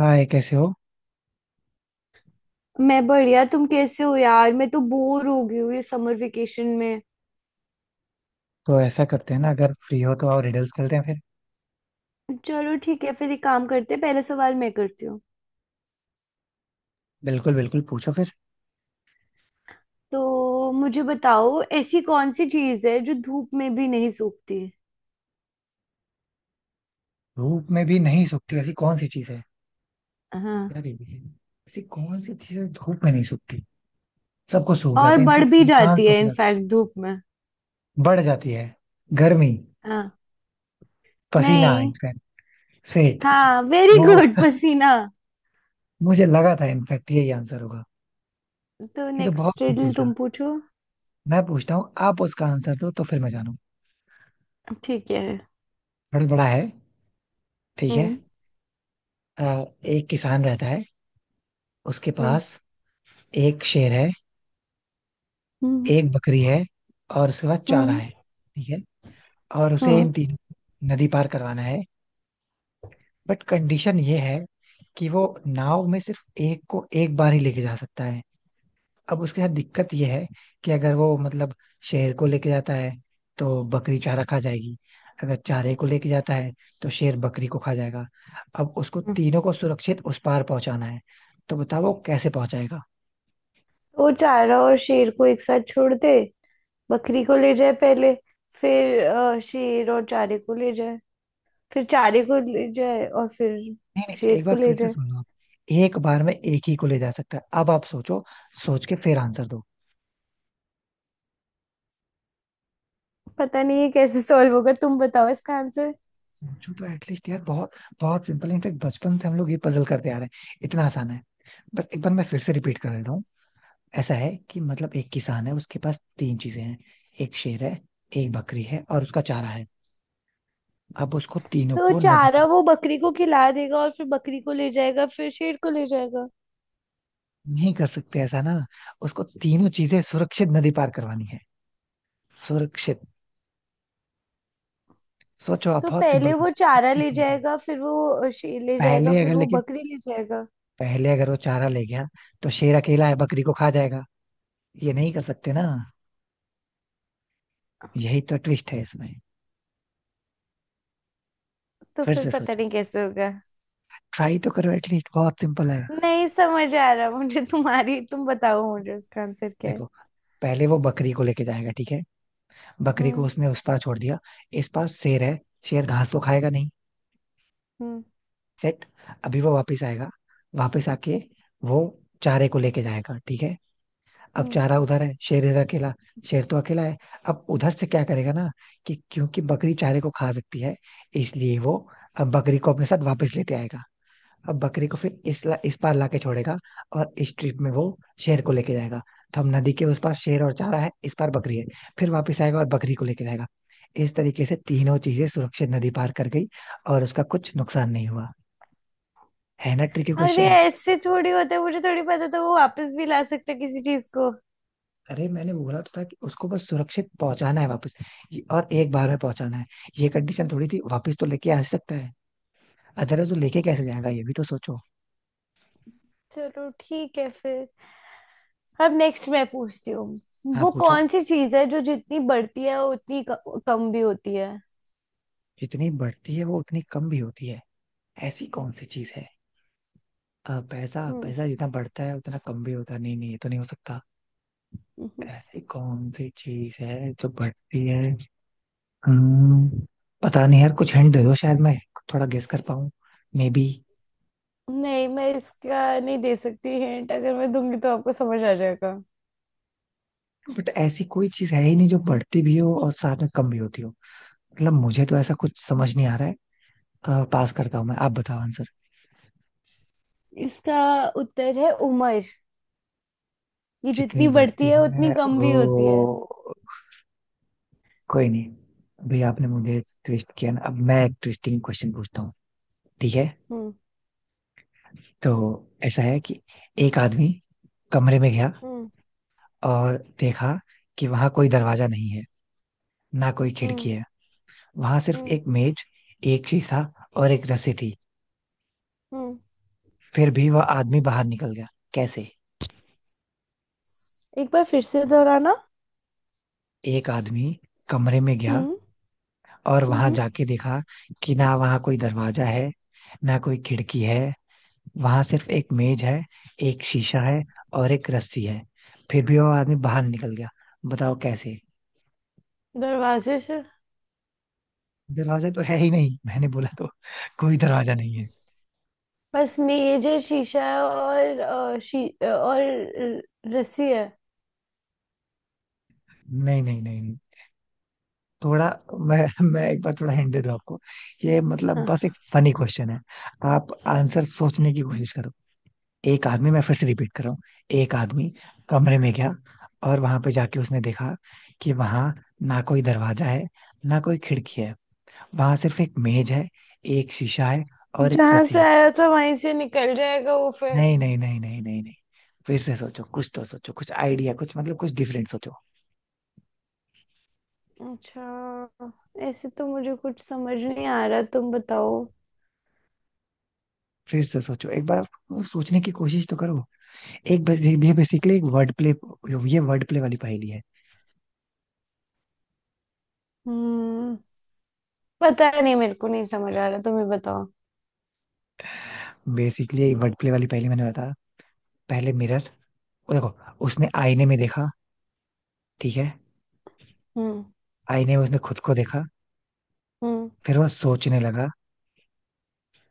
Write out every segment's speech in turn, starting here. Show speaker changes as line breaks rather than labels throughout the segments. हाय, कैसे हो।
मैं बढ़िया। तुम कैसे हो यार? मैं तो बोर हो गई हूँ ये समर वेकेशन में।
तो ऐसा करते हैं ना, अगर फ्री हो तो आओ रिडल्स खेलते हैं फिर।
चलो ठीक है, फिर एक काम करते हैं, पहला सवाल मैं करती हूँ।
बिल्कुल बिल्कुल, पूछो फिर।
तो मुझे बताओ, ऐसी कौन सी चीज है जो धूप में भी नहीं सूखती?
धूप में भी नहीं सूखती ऐसी कौन सी चीज है?
हाँ।
यार ये भी है। ऐसी कौन सी चीज है धूप में नहीं सूखती? सबको सूख
और
जाता है
बढ़
इनफैक्ट,
भी
इंसान
जाती
सूख
है
जाता
इनफैक्ट धूप में।
है। बढ़ जाती है। गर्मी।
हाँ।
पसीना
नहीं।
इनफैक्ट। स्वेट।
हाँ, वेरी
वो
गुड पसीना।
मुझे लगा था इनफैक्ट यही आंसर होगा।
तो
ये तो
नेक्स्ट
बहुत सिंपल
रिडल
था।
तुम पूछो।
मैं पूछता हूँ, आप उसका आंसर दो तो फिर मैं जानू।
ठीक है।
थोड़ा बड़ा है। ठीक है।
हम्म।
एक किसान रहता है। उसके
हम्म।
पास एक शेर है,
हम्म।
एक बकरी है और उसके पास चारा
हम्म।
है, ठीक है। और उसे
हम्म।
इन तीनों को नदी पार करवाना है। बट कंडीशन ये है कि वो नाव में सिर्फ एक को एक बार ही लेके जा सकता है। अब उसके साथ दिक्कत ये है कि अगर वो मतलब शेर को लेके जाता है तो बकरी चारा खा जाएगी। अगर चारे को लेके जाता है तो शेर बकरी को खा जाएगा। अब उसको
हम्म।
तीनों को सुरक्षित उस पार पहुंचाना है। तो बताओ वो कैसे पहुंचाएगा।
वो चारा और शेर को एक साथ छोड़ दे, बकरी को ले जाए पहले, फिर शेर और चारे को ले जाए, फिर चारे को ले जाए और फिर
नहीं, नहीं, एक
शेर
बार
को ले
फिर से
जाए।
सुन लो आप। एक बार में एक ही को ले जा सकता है, अब आप सोचो। सोच के फिर आंसर दो।
पता नहीं ये कैसे सॉल्व होगा, तुम बताओ इसका आंसर।
सोचो तो एटलीस्ट यार, बहुत बहुत सिंपल इनफेक्ट, बचपन से हम लोग ये पजल करते आ रहे हैं, इतना आसान है। बस एक बार मैं फिर से रिपीट कर देता हूँ। ऐसा है कि मतलब एक किसान है, उसके पास तीन चीजें हैं। एक शेर है, एक बकरी है और उसका चारा है। अब उसको तीनों
तो वो
को नदी
चारा
पार।
वो बकरी को खिला देगा और फिर बकरी को ले जाएगा फिर शेर को ले जाएगा।
नहीं कर सकते ऐसा ना। उसको तीनों चीजें सुरक्षित नदी पार करवानी है, सुरक्षित। सोचो आप,
तो
बहुत सिंपल
पहले वो
कुछ
चारा ले
tricky होता है।
जाएगा, फिर वो शेर ले जाएगा,
पहले
फिर
अगर
वो
लेकिन
बकरी ले जाएगा।
पहले अगर वो चारा ले गया तो शेर अकेला है, बकरी को खा जाएगा। ये नहीं कर सकते ना, यही तो ट्विस्ट है इसमें।
तो
फिर
फिर
से
पता
सोचो,
नहीं कैसे होगा।
ट्राई तो करो एटलीस्ट, बहुत सिंपल है।
नहीं समझ आ रहा मुझे, तुम बताओ मुझे इसका आंसर क्या है।
देखो, पहले वो बकरी को लेके जाएगा, ठीक है। बकरी को
हम्म।
उसने उस पार छोड़ दिया। इस पार शेर है, शेर घास को खाएगा नहीं।
हम्म।
सेट। अभी वो वापस आएगा, वापस आके वो चारे को लेके जाएगा, ठीक है। अब
हम्म।
जा रहा उधर है, शेर इधर अकेला। शेर तो अकेला है। अब उधर से क्या करेगा ना कि क्योंकि बकरी चारे को खा सकती है, इसलिए वो अब बकरी को अपने साथ वापस लेते आएगा। अब बकरी को फिर इस पार लाके छोड़ेगा और इस ट्रिप में वो शेर को लेके जाएगा। तो हम नदी के उस पार शेर और चारा है, इस पार बकरी है। फिर वापस आएगा और बकरी को लेके जाएगा। इस तरीके से तीनों चीजें सुरक्षित नदी पार कर गई और उसका कुछ नुकसान नहीं हुआ। है ना ट्रिकी
अरे
क्वेश्चन।
ऐसे थोड़ी होता है, मुझे थोड़ी पता था वो वापस भी ला सकता है किसी चीज को।
अरे मैंने बोला तो था कि उसको बस सुरक्षित पहुंचाना है, वापस। और एक बार में पहुंचाना है, ये कंडीशन थोड़ी थी, वापस तो लेके आ सकता है। अदरवाइज वो लेके कैसे जाएगा, ये भी तो सोचो।
चलो ठीक है फिर। अब नेक्स्ट मैं पूछती हूँ।
हाँ,
वो
पूछो।
कौन सी चीज है जो जितनी बढ़ती है वो उतनी कम भी होती है?
जितनी बढ़ती है वो उतनी कम भी होती है, ऐसी कौन सी चीज है? पैसा,
हम्म।
पैसा जितना बढ़ता है उतना कम भी होता है। नहीं नहीं, ये तो नहीं हो सकता।
हम्म।
ऐसी कौन सी चीज है जो बढ़ती है। हम्म, पता नहीं यार, कुछ हिंट दे दो शायद मैं थोड़ा गेस कर पाऊँ, मे बी।
नहीं मैं इसका नहीं दे सकती हिंट, अगर मैं दूंगी तो आपको समझ आ जाएगा।
बट ऐसी कोई चीज है ही नहीं जो बढ़ती भी हो और साथ में कम भी होती हो। मतलब मुझे तो ऐसा कुछ समझ नहीं आ रहा है। पास करता हूँ मैं, आप बताओ आंसर
इसका उत्तर है उम्र। ये
जितनी
जितनी बढ़ती
बढ़ती
है
है
उतनी कम भी होती है।
वो कोई नहीं। अभी आपने मुझे ट्विस्ट किया ना, अब मैं एक ट्विस्टिंग क्वेश्चन पूछता हूँ, ठीक है।
हम्म।
तो ऐसा है कि एक आदमी कमरे में गया
हम्म।
और देखा कि वहां कोई दरवाजा नहीं है, ना कोई खिड़की
हम्म।
है। वहां सिर्फ
हम्म।
एक मेज, एक शीशा और एक रस्सी थी।
हम्म।
फिर भी वह आदमी बाहर निकल गया, कैसे?
एक बार फिर से दोहराना।
एक आदमी कमरे में गया
हम्म।
और वहां
हम्म।
जाके देखा कि ना वहां कोई दरवाजा है, ना कोई खिड़की है। वहां सिर्फ एक मेज है, एक शीशा है और एक रस्सी है। फिर भी वो आदमी बाहर निकल गया, बताओ कैसे।
दरवाजे से।
दरवाजा तो है ही नहीं, मैंने बोला तो, कोई दरवाजा नहीं है।
बस मेज है, शीशा है और और रस्सी है।
नहीं नहीं नहीं नहीं। थोड़ा मैं मैं एक बार थोड़ा हिंट दे दूं आपको। ये मतलब
हाँ।
बस एक फनी क्वेश्चन है, आप आंसर सोचने की कोशिश। एक आदमी, मैं फिर से रिपीट कर रहा हूँ, एक आदमी कमरे में गया और वहां पे जाके उसने देखा कि वहां ना कोई दरवाजा है, ना कोई खिड़की है। वहां सिर्फ एक मेज है, एक शीशा है और एक
जहां
रस्सी
से
है।
आया था वहीं से निकल जाएगा वो फिर।
नहीं नहीं नहीं नहीं नहीं नहीं। फिर से सोचो, कुछ तो सोचो, कुछ आइडिया, कुछ मतलब कुछ डिफरेंट सोचो।
अच्छा। ऐसे तो मुझे कुछ समझ नहीं आ रहा, तुम बताओ।
फिर से सोचो एक बार, वो सोचने की कोशिश तो करो। एक बस- ये बेसिकली एक वर्ड प्ले, ये वर्ड प्ले वाली पहेली है।
हम्म। पता नहीं, मेरे को नहीं समझ आ रहा, तुम ही बताओ।
बेसिकली वर्ड प्ले वाली पहेली, मैंने बताया। पहले मिरर। देखो, उसने आईने में देखा, ठीक है।
हम्म।
आईने में उसने खुद को देखा।
हम्म।
फिर वह सोचने लगा,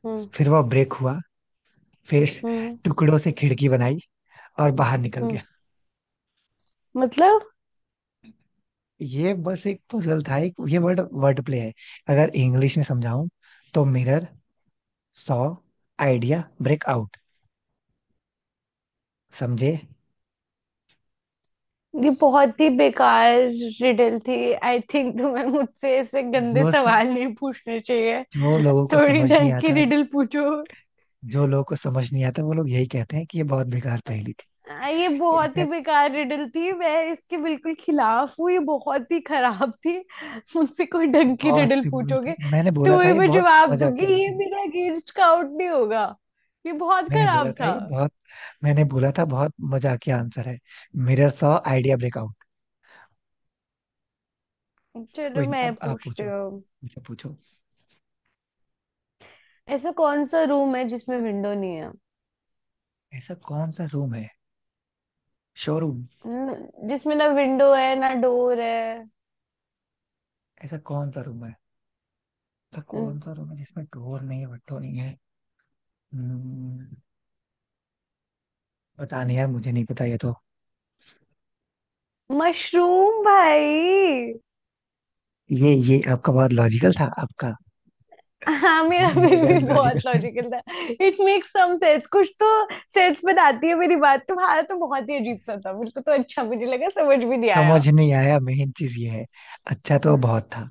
हम्म।
फिर वह ब्रेक हुआ। फिर
हम्म।
टुकड़ों से खिड़की बनाई और बाहर निकल
हम्म।
गया।
मतलब,
ये बस एक पजल था, एक ये वर्ड वर्ड प्ले है। अगर इंग्लिश में समझाऊं, तो mirror saw idea break out, समझे?
ये बहुत ही बेकार रिडल थी आई थिंक, तुम्हें मुझसे ऐसे गंदे
जो सब
सवाल नहीं पूछने चाहिए।
जो लोगों को
थोड़ी
समझ नहीं
ढंग की
आता,
रिडल पूछो।
जो लोगों को समझ नहीं आता वो लोग यही कहते हैं कि ये बहुत बेकार पहेली थी।
ये बहुत ही
इनफैक्ट
बेकार रिडल थी, मैं इसके बिल्कुल खिलाफ हूँ, ये बहुत ही खराब थी। मुझसे कोई ढंग की
बहुत
रिडल
सिंपल थी,
पूछोगे
मैंने
तो
बोला था
वही
ये
मैं
बहुत
जवाब
मजाक के
दूंगी, ये
आंसर है।
मेरा अगेंस्ट काउंट नहीं होगा। ये बहुत
मैंने बोला
खराब
था
था।
ये बहुत मैंने बोला था बहुत मजाकिया आंसर है। Mirror saw idea break out.
चलो
कोई नहीं,
मैं
अब आप
पूछती
पूछो
हूँ।
मुझे, पूछो।
ऐसा कौन सा रूम है जिसमें विंडो नहीं है?
ऐसा कौन सा रूम है? शोरूम।
जिसमें ना विंडो है ना डोर है?
ऐसा कौन सा रूम है? ऐसा कौन
न-
सा रूम है जिसमें डोर नहीं है, window नहीं है? हम्म, पता नहीं यार, मुझे नहीं पता, ये तो
मशरूम भाई।
ये आपका बहुत लॉजिकल था, आपका
हाँ मेरा
ये
फिर
अगर
भी
लॉजिकल।
बहुत लॉजिकल था। इट मेक्स सम सेंस, कुछ तो सेंस बनाती है मेरी बात। तुम्हारा तो बहुत ही अजीब सा था, मेरे को तो अच्छा भी नहीं लगा, समझ भी नहीं आया।
समझ नहीं आया, मेन चीज ये है। अच्छा तो बहुत था।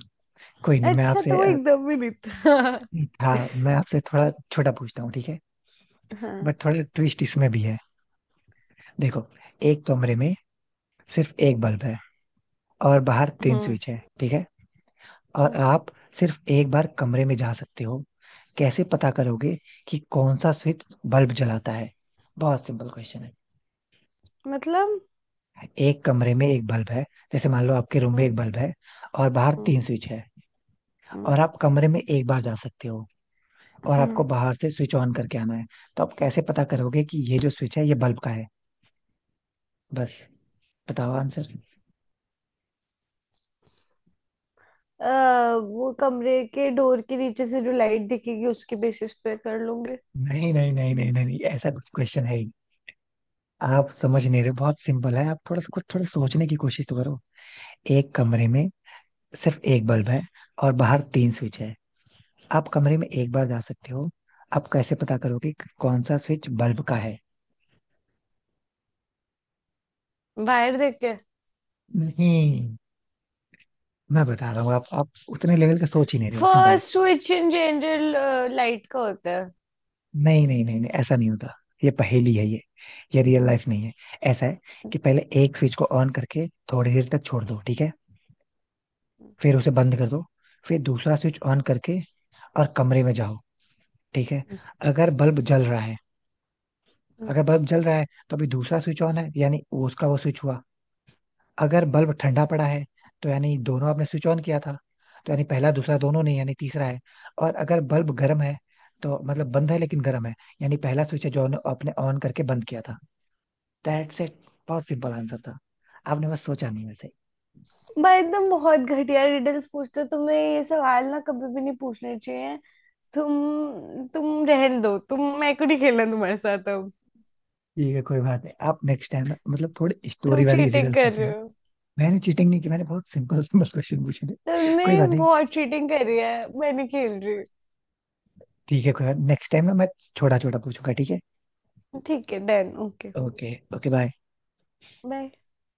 कोई नहीं, मैं
अच्छा
आपसे
तो वो एकदम भी नहीं था।
था, मैं आपसे थोड़ा छोटा पूछता हूँ, ठीक है।
हाँ।
बट थोड़ा ट्विस्ट इसमें भी है। देखो, एक कमरे में सिर्फ एक बल्ब है और बाहर तीन
हम्म।
स्विच है, ठीक है। और
हम्म,
आप सिर्फ एक बार कमरे में जा सकते हो, कैसे पता करोगे कि कौन सा स्विच बल्ब जलाता है? बहुत सिंपल क्वेश्चन है।
मतलब।
एक कमरे में एक बल्ब है, जैसे मान लो आपके रूम में
हम्म।
एक बल्ब है और बाहर
हम्म।
तीन स्विच है।
हम्म,
और आप कमरे में एक बार जा सकते हो और
हम्म।
आपको बाहर से स्विच ऑन करके आना है। तो आप कैसे पता करोगे कि ये जो स्विच है ये बल्ब का है, बस बताओ आंसर।
अ, वो कमरे के डोर के नीचे से जो लाइट दिखेगी उसके बेसिस पे कर लूंगे।
नहीं नहीं नहीं नहीं नहीं नहीं, ऐसा कुछ क्वेश्चन है, आप समझ नहीं रहे, बहुत सिंपल है, आप थोड़ा सा कुछ, थोड़ा सोचने की कोशिश तो करो। एक कमरे में सिर्फ एक बल्ब है और बाहर तीन स्विच है। आप कमरे में एक बार जा सकते हो, आप कैसे पता करोगे कि कौन सा स्विच बल्ब का है?
बाहर देख के।
नहीं, मैं बता रहा हूँ, आप उतने लेवल का सोच ही नहीं रहे हो, सिंपल है।
First switch in general light का होता है।
नहीं नहीं नहीं नहीं, ऐसा नहीं होता, ये पहेली है, ये रियल लाइफ नहीं है। ऐसा है कि पहले एक स्विच को ऑन करके थोड़ी देर तक छोड़ दो, ठीक है। फिर उसे बंद कर दो, फिर दूसरा स्विच ऑन करके और कमरे में जाओ, ठीक है। अगर बल्ब जल रहा है, अगर बल्ब जल रहा है, तो अभी दूसरा स्विच ऑन है, यानी वो उसका, वो स्विच हुआ। अगर बल्ब ठंडा पड़ा है, तो यानी दोनों आपने स्विच ऑन किया था, तो यानी पहला दूसरा दोनों नहीं, यानी तीसरा है। और अगर बल्ब गर्म है, तो मतलब बंद है लेकिन गर्म है, यानी पहला स्विच है जो आपने आपने ऑन करके बंद किया था। That's it. बहुत सिंपल आंसर था, आपने बस सोचा नहीं वैसे ही।
भाई तुम बहुत घटिया रिडल्स पूछते हो, तुम्हें ये सवाल ना कभी भी नहीं पूछने चाहिए। तुम रहन दो, तुम मैं को नहीं खेलना तुम्हारे साथ अब।
ठीक है, कोई बात नहीं, आप नेक्स्ट टाइम ना मतलब थोड़ी स्टोरी
तुम
वाली
चीटिंग
रिडल्स
कर
लेके
रहे
आना।
हो।
मैंने चीटिंग नहीं की, मैंने बहुत सिंपल सिंपल क्वेश्चन पूछे थे।
तुमने
कोई बात नहीं।
बहुत चीटिंग करी है। मैं नहीं खेल रही।
ठीक है, कोई नेक्स्ट टाइम ना, मैं छोटा छोटा पूछूंगा, ठीक है।
ठीक है, done, okay,
okay, okay, bye.
Bye.